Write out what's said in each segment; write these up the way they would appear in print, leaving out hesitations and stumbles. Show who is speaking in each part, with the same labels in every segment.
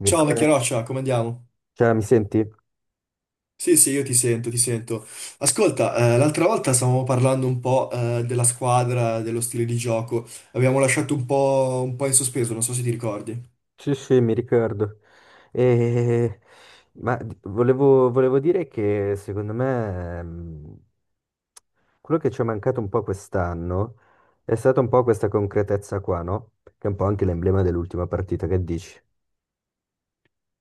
Speaker 1: Mi
Speaker 2: Ciao
Speaker 1: ricordo,
Speaker 2: vecchia roccia, come andiamo?
Speaker 1: cioè, mi senti?
Speaker 2: Sì, sì, io ti sento, ti sento. Ascolta, l'altra volta stavamo parlando un po', della squadra, dello stile di gioco. Abbiamo lasciato un po' in sospeso, non so se ti ricordi.
Speaker 1: Sì, sì, mi ricordo. E- volevo dire che secondo me quello che ci è mancato un po' quest'anno è stata un po' questa concretezza qua, no? Che è un po' anche l'emblema dell'ultima partita, che dici?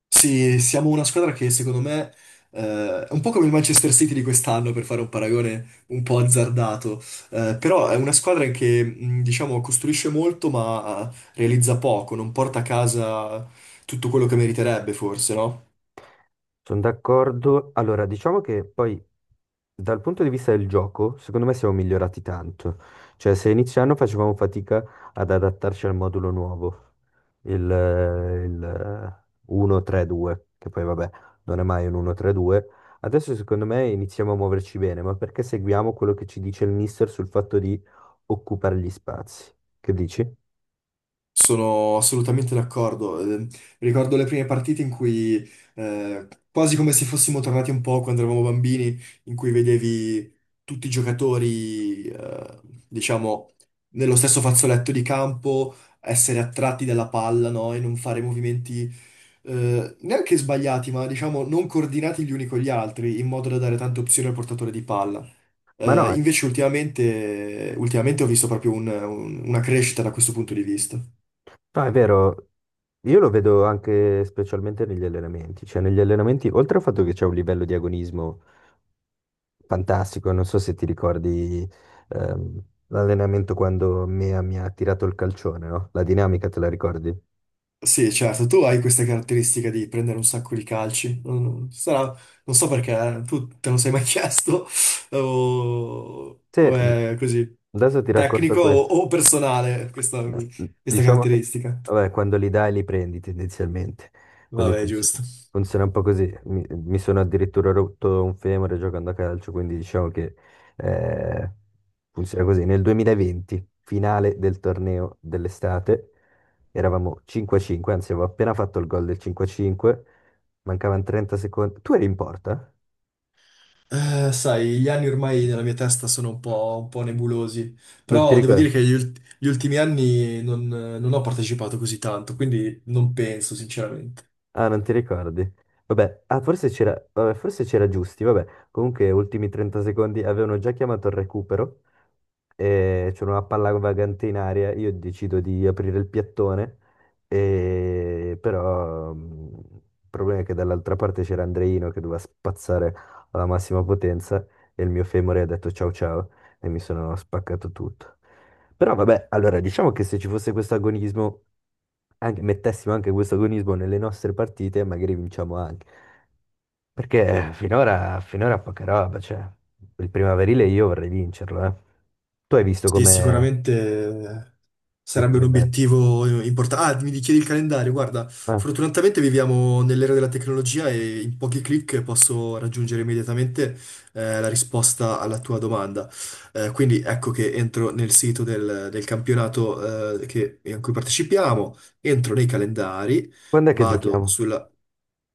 Speaker 2: Sì, siamo una squadra che secondo me, è un po' come il Manchester City di quest'anno, per fare un paragone un po' azzardato. Però è una squadra che, diciamo, costruisce molto ma realizza poco, non porta a casa tutto quello che meriterebbe, forse, no?
Speaker 1: Sono d'accordo. Allora, diciamo che poi dal punto di vista del gioco, secondo me siamo migliorati tanto. Cioè, se inizio anno facevamo fatica ad adattarci al modulo nuovo, il 1-3-2, che poi vabbè, non è mai un 1-3-2. Adesso secondo me iniziamo a muoverci bene, ma perché seguiamo quello che ci dice il mister sul fatto di occupare gli spazi? Che dici?
Speaker 2: Sono assolutamente d'accordo. Ricordo le prime partite in cui, quasi come se fossimo tornati un po' quando eravamo bambini, in cui vedevi tutti i giocatori, diciamo, nello stesso fazzoletto di campo, essere attratti dalla palla, no? E non fare movimenti, neanche sbagliati, ma diciamo non coordinati gli uni con gli altri, in modo da dare tante opzioni al portatore di palla.
Speaker 1: Ma no,
Speaker 2: Invece ultimamente ho visto proprio una crescita da questo punto di vista.
Speaker 1: no, è vero, io lo vedo anche specialmente negli allenamenti, cioè negli allenamenti, oltre al fatto che c'è un livello di agonismo fantastico, non so se ti ricordi ehm, l'allenamento quando Mea mi ha tirato il calcione, no? La dinamica te la ricordi?
Speaker 2: Sì, certo, tu hai questa caratteristica di prendere un sacco di calci. Non so perché, tu te lo sei mai chiesto, o
Speaker 1: Sì,
Speaker 2: è così,
Speaker 1: adesso ti racconto
Speaker 2: tecnico
Speaker 1: questo.
Speaker 2: o personale, questa,
Speaker 1: No,
Speaker 2: questa
Speaker 1: diciamo che
Speaker 2: caratteristica.
Speaker 1: vabbè, quando li dai li prendi tendenzialmente, quindi
Speaker 2: Vabbè, giusto.
Speaker 1: funziona, funziona un po' così. Mi sono addirittura rotto un femore giocando a calcio, quindi diciamo che eh, funziona così. Nel 2020, finale del torneo dell'estate, eravamo 5-5, anzi avevo appena fatto il gol del 5-5, mancavano 30 secondi. Tu eri in porta?
Speaker 2: Sai, gli anni ormai nella mia testa sono un po' nebulosi,
Speaker 1: Non ti
Speaker 2: però devo dire
Speaker 1: ricordo.
Speaker 2: che gli ultimi anni non ho partecipato così tanto, quindi non penso, sinceramente.
Speaker 1: Ah, non ti ricordi? Vabbè, ah, forse c'era vabbè, forse c'era Giusti, vabbè. Comunque, ultimi 30 secondi, avevano già chiamato il recupero, e c'era una palla vagante in aria, io decido di aprire il piattone, e però, il problema è che dall'altra parte c'era Andreino che doveva spazzare alla massima potenza e il mio femore ha detto ciao ciao e mi sono spaccato tutto. Però vabbè, allora diciamo che se ci fosse questo agonismo mettessimo anche questo agonismo nelle nostre partite, magari vinciamo anche. Perché finora, finora poca roba, cioè, il primaverile io vorrei vincerlo, eh. Tu hai visto
Speaker 2: Sì,
Speaker 1: come
Speaker 2: sicuramente
Speaker 1: il
Speaker 2: sarebbe un
Speaker 1: calendario?
Speaker 2: obiettivo importante. Ah, mi chiedi il calendario. Guarda,
Speaker 1: Ah,
Speaker 2: fortunatamente viviamo nell'era della tecnologia e in pochi clic posso raggiungere immediatamente la risposta alla tua domanda. Quindi ecco che entro nel sito del campionato in cui partecipiamo, entro nei calendari.
Speaker 1: quando è che
Speaker 2: Vado
Speaker 1: giochiamo?
Speaker 2: sulla...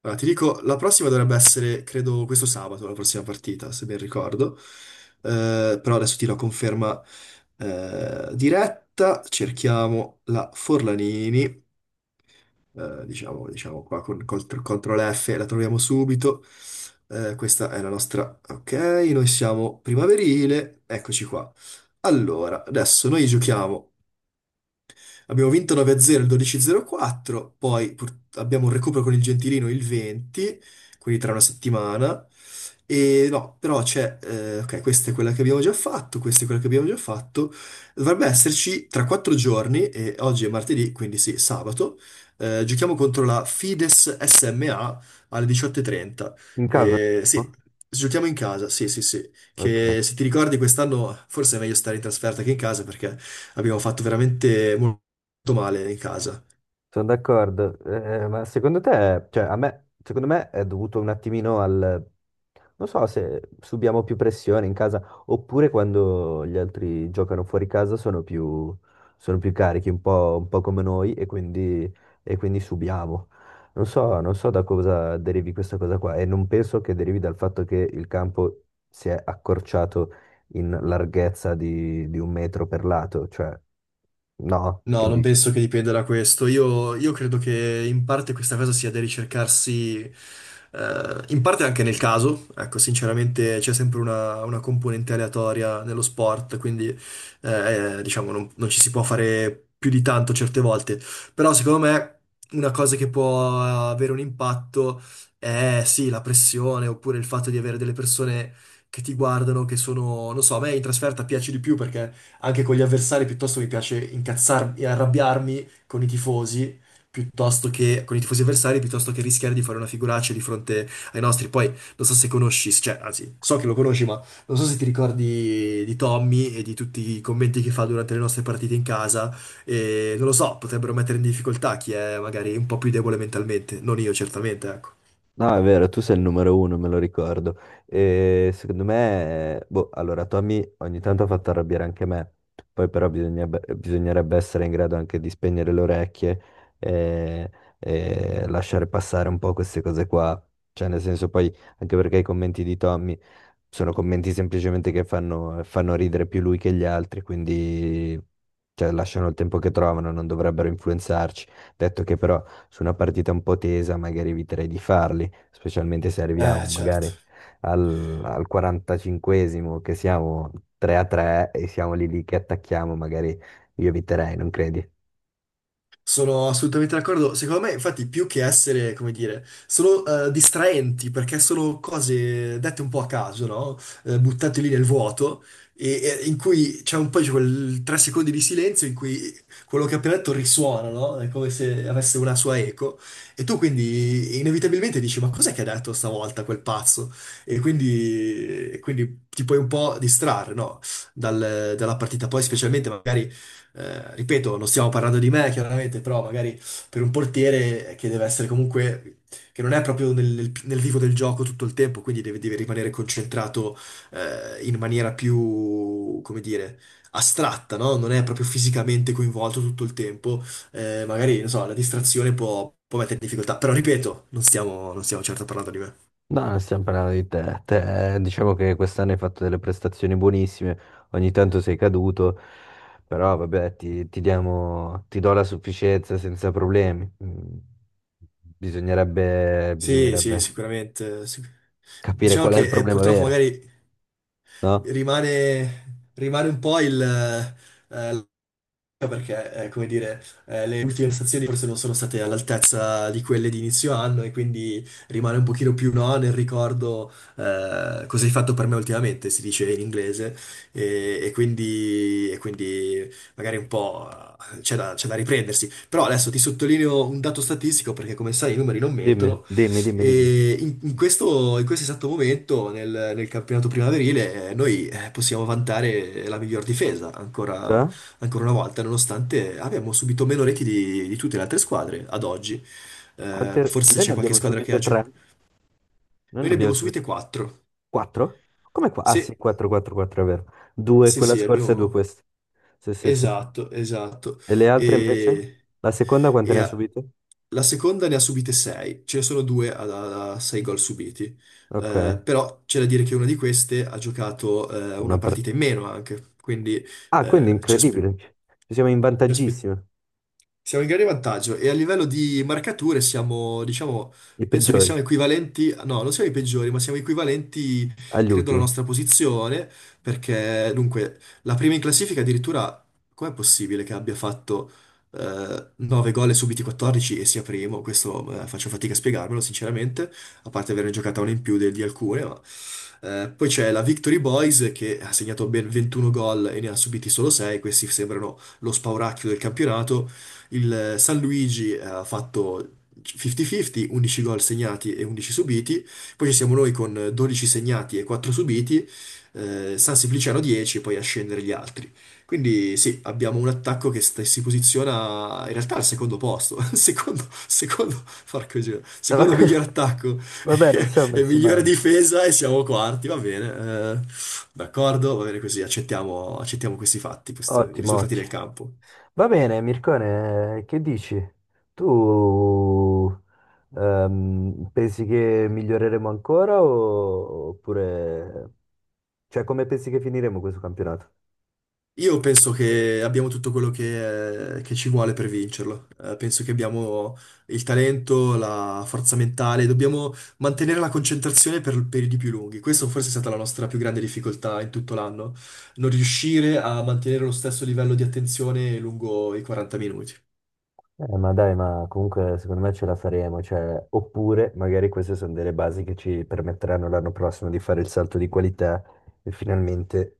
Speaker 2: Allora, ti dico, la prossima dovrebbe essere, credo, questo sabato, la prossima partita, se ben ricordo. Però adesso ti do conferma diretta. Cerchiamo la Forlanini, diciamo qua CTRL F, la troviamo subito. Questa è la nostra... Ok, noi siamo primaverile, eccoci qua. Allora, adesso noi giochiamo. Abbiamo vinto 9-0 il 12-04, poi abbiamo un recupero con il Gentilino il 20, quindi tra una settimana. E no, però c'è, ok, questa è quella che abbiamo già fatto, questa è quella che abbiamo già fatto. Dovrebbe esserci tra quattro giorni, e oggi è martedì, quindi sì, sabato. Giochiamo contro la Fides SMA alle 18:30.
Speaker 1: In casa?
Speaker 2: Sì,
Speaker 1: No?
Speaker 2: giochiamo in casa, sì, sì, sì.
Speaker 1: Ok.
Speaker 2: Che se ti ricordi quest'anno forse è meglio stare in trasferta che in casa perché abbiamo fatto veramente molto male in casa.
Speaker 1: Sono d'accordo, ma secondo te, cioè a me, secondo me è dovuto un attimino al, non so se subiamo più pressione in casa oppure quando gli altri giocano fuori casa sono più carichi, un po' come noi e quindi subiamo. Non so, non so da cosa derivi questa cosa qua e non penso che derivi dal fatto che il campo si è accorciato in larghezza di un metro per lato, cioè no,
Speaker 2: No,
Speaker 1: che
Speaker 2: non
Speaker 1: dici?
Speaker 2: penso che dipenda da questo. Io credo che in parte questa cosa sia da ricercarsi, in parte anche nel caso. Ecco, sinceramente c'è sempre una componente aleatoria nello sport, quindi diciamo non ci si può fare più di tanto certe volte. Però secondo me una cosa che può avere un impatto è sì, la pressione oppure il fatto di avere delle persone che ti guardano, che sono, non so, a me in trasferta piace di più perché anche con gli avversari, piuttosto mi piace incazzarmi e arrabbiarmi con i tifosi, piuttosto che con i tifosi avversari, piuttosto che rischiare di fare una figuraccia di fronte ai nostri. Poi non so se conosci, cioè, anzi, so che lo conosci, ma non so se ti ricordi di Tommy e di tutti i commenti che fa durante le nostre partite in casa. E non lo so, potrebbero mettere in difficoltà chi è magari un po' più debole mentalmente, non io certamente, ecco.
Speaker 1: No, è vero, tu sei il numero uno, me lo ricordo. E secondo me, boh, allora Tommy ogni tanto ha fatto arrabbiare anche me, poi però bisognerebbe essere in grado anche di spegnere le orecchie e, e lasciare passare un po' queste cose qua. Cioè, nel senso, poi anche perché i commenti di Tommy sono commenti semplicemente che fanno ridere più lui che gli altri, quindi cioè, lasciano il tempo che trovano, non dovrebbero influenzarci. Detto che però su una partita un po' tesa magari eviterei di farli specialmente se arriviamo
Speaker 2: Certo.
Speaker 1: magari al 45esimo che siamo 3-3 e siamo lì lì che attacchiamo, magari io eviterei, non credi?
Speaker 2: Sono assolutamente d'accordo. Secondo me, infatti, più che essere, come dire, sono distraenti perché sono cose dette un po' a caso, no? Buttate lì nel vuoto, e in cui c'è un po' di quel 3 secondi di silenzio in cui quello che ho appena detto risuona, no? È come se avesse una sua eco. E tu quindi inevitabilmente dici: Ma cos'è che ha detto stavolta quel pazzo? E quindi ti puoi un po' distrarre, no? Dalla partita. Poi, specialmente magari ripeto, non stiamo parlando di me, chiaramente, però magari per un portiere che deve essere comunque, che non è proprio nel vivo del gioco tutto il tempo, quindi deve rimanere concentrato in maniera più, come dire, astratta, no? Non è proprio fisicamente coinvolto tutto il tempo, magari, non so, la distrazione può mettere in difficoltà, però ripeto, non stiamo certo parlando di me.
Speaker 1: No, non stiamo parlando di te. Te, diciamo che quest'anno hai fatto delle prestazioni buonissime, ogni tanto sei caduto, però vabbè, ti do la sufficienza senza problemi. Bisognerebbe,
Speaker 2: Sì,
Speaker 1: bisognerebbe
Speaker 2: sì, sicuramente.
Speaker 1: capire
Speaker 2: Diciamo
Speaker 1: qual è il
Speaker 2: che
Speaker 1: problema
Speaker 2: purtroppo
Speaker 1: vero,
Speaker 2: magari
Speaker 1: no?
Speaker 2: rimane un po' il, eh, perché, eh, come dire, le ultime prestazioni forse non sono state all'altezza di quelle di inizio anno e quindi rimane un pochino più no nel ricordo cosa hai fatto per me ultimamente, si dice in inglese, e quindi magari un po' c'è da riprendersi. Però adesso ti sottolineo un dato statistico perché come sai i numeri non
Speaker 1: Dimmi,
Speaker 2: mentono
Speaker 1: dimmi, dimmi, dimmi.
Speaker 2: e in questo esatto momento nel campionato primaverile noi possiamo vantare la miglior difesa ancora
Speaker 1: Cioè?
Speaker 2: ancora una volta, nonostante abbiamo subito meno reti di tutte le altre squadre ad oggi.
Speaker 1: Quante...
Speaker 2: Forse
Speaker 1: Noi ne
Speaker 2: c'è qualche
Speaker 1: abbiamo
Speaker 2: squadra che
Speaker 1: subite
Speaker 2: ha
Speaker 1: tre.
Speaker 2: giocato.
Speaker 1: Noi ne
Speaker 2: Noi ne
Speaker 1: abbiamo
Speaker 2: abbiamo
Speaker 1: subite
Speaker 2: subite 4.
Speaker 1: quattro? Come qua? Ah
Speaker 2: Sì,
Speaker 1: sì, 4, 4, 4, è vero. Due
Speaker 2: sì,
Speaker 1: quella
Speaker 2: sì,
Speaker 1: scorsa e due
Speaker 2: abbiamo.
Speaker 1: queste. Sì, sì, sì, sì.
Speaker 2: Esatto, esatto.
Speaker 1: E le altre invece?
Speaker 2: E,
Speaker 1: La seconda quante
Speaker 2: e
Speaker 1: ne ha
Speaker 2: a-
Speaker 1: subite?
Speaker 2: la seconda ne ha subite 6, ce ne sono due a, 6 gol subiti.
Speaker 1: Ok,
Speaker 2: Però c'è da dire che una di queste ha giocato una
Speaker 1: una per...
Speaker 2: partita in meno anche, quindi
Speaker 1: Ah, quindi
Speaker 2: eh, ci aspe-
Speaker 1: incredibile. Ci siamo in
Speaker 2: ci aspe-
Speaker 1: vantaggissimo.
Speaker 2: siamo in grande vantaggio e a livello di marcature siamo, diciamo,
Speaker 1: I
Speaker 2: penso che
Speaker 1: peggiori,
Speaker 2: siamo equivalenti, no, non siamo i peggiori, ma siamo equivalenti,
Speaker 1: agli
Speaker 2: credo, alla
Speaker 1: ultimi.
Speaker 2: nostra posizione, perché dunque la prima in classifica addirittura. Com'è possibile che abbia fatto 9 gol e subiti 14 e sia primo? Questo faccio fatica a spiegarmelo, sinceramente, a parte averne giocata una in più di alcune, ma... Poi c'è la Victory Boys che ha segnato ben 21 gol e ne ha subiti solo 6, questi sembrano lo spauracchio del campionato. Il San Luigi ha fatto 50-50, 11 gol segnati e 11 subiti, poi ci siamo noi con 12 segnati e 4 subiti, San Simpliciano 10 e poi a scendere gli altri. Quindi sì, abbiamo un attacco che si posiziona in realtà al secondo posto, porco Dio, secondo miglior attacco
Speaker 1: Vabbè, non
Speaker 2: e
Speaker 1: siamo messi
Speaker 2: migliore
Speaker 1: male.
Speaker 2: difesa e siamo quarti, va bene, d'accordo, va bene così, accettiamo, accettiamo questi fatti, questi, i
Speaker 1: Ottimo,
Speaker 2: risultati del
Speaker 1: ottimo.
Speaker 2: campo.
Speaker 1: Va bene, Mircone, che dici? Tu pensi che miglioreremo ancora oppure... Cioè, come pensi che finiremo questo campionato?
Speaker 2: Io penso che abbiamo tutto quello che ci vuole per vincerlo. Penso che abbiamo il talento, la forza mentale, dobbiamo mantenere la concentrazione per periodi più lunghi. Questa forse è stata la nostra più grande difficoltà in tutto l'anno, non riuscire a mantenere lo stesso livello di attenzione lungo i 40 minuti.
Speaker 1: Ma dai, ma comunque secondo me ce la faremo, cioè, oppure magari queste sono delle basi che ci permetteranno l'anno prossimo di fare il salto di qualità e finalmente,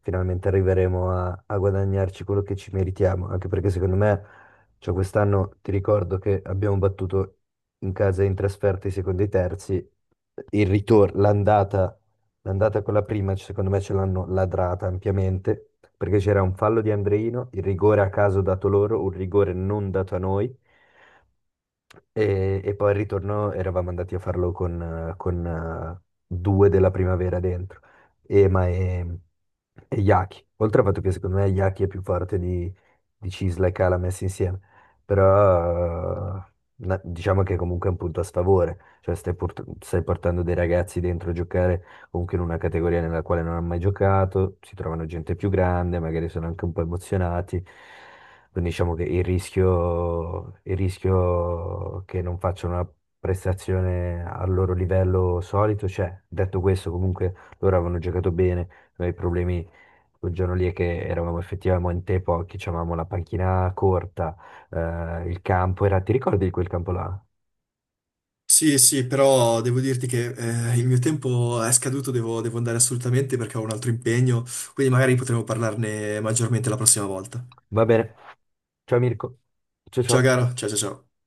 Speaker 1: finalmente arriveremo a guadagnarci quello che ci meritiamo, anche perché secondo me, cioè, quest'anno ti ricordo che abbiamo battuto in casa e in trasferta i secondi e i terzi, il ritorno, l'andata con la prima, secondo me, ce l'hanno ladrata ampiamente, perché c'era un fallo di Andreino, il rigore a caso dato loro, un rigore non dato a noi. E poi al ritorno eravamo andati a farlo con due della primavera dentro, Ema e Yaki. Oltre al fatto che secondo me Yaki è più forte di Cisla e Cala messi insieme, però diciamo che comunque è un punto a sfavore, cioè stai portando dei ragazzi dentro a giocare comunque in una categoria nella quale non hanno mai giocato, si trovano gente più grande, magari sono anche un po' emozionati. Quindi diciamo che il rischio che non facciano una prestazione al loro livello solito c'è. Detto questo, comunque loro avevano giocato bene, noi i problemi quel giorno lì è che eravamo effettivamente pochi, avevamo la panchina corta, il campo era... Ti ricordi di quel campo là?
Speaker 2: Sì, sì, però devo dirti che il mio tempo è scaduto, devo andare assolutamente perché ho un altro impegno, quindi magari potremo parlarne maggiormente la prossima volta.
Speaker 1: Va bene, ciao Mirko, ciao
Speaker 2: Ciao
Speaker 1: ciao.
Speaker 2: caro, ciao ciao ciao.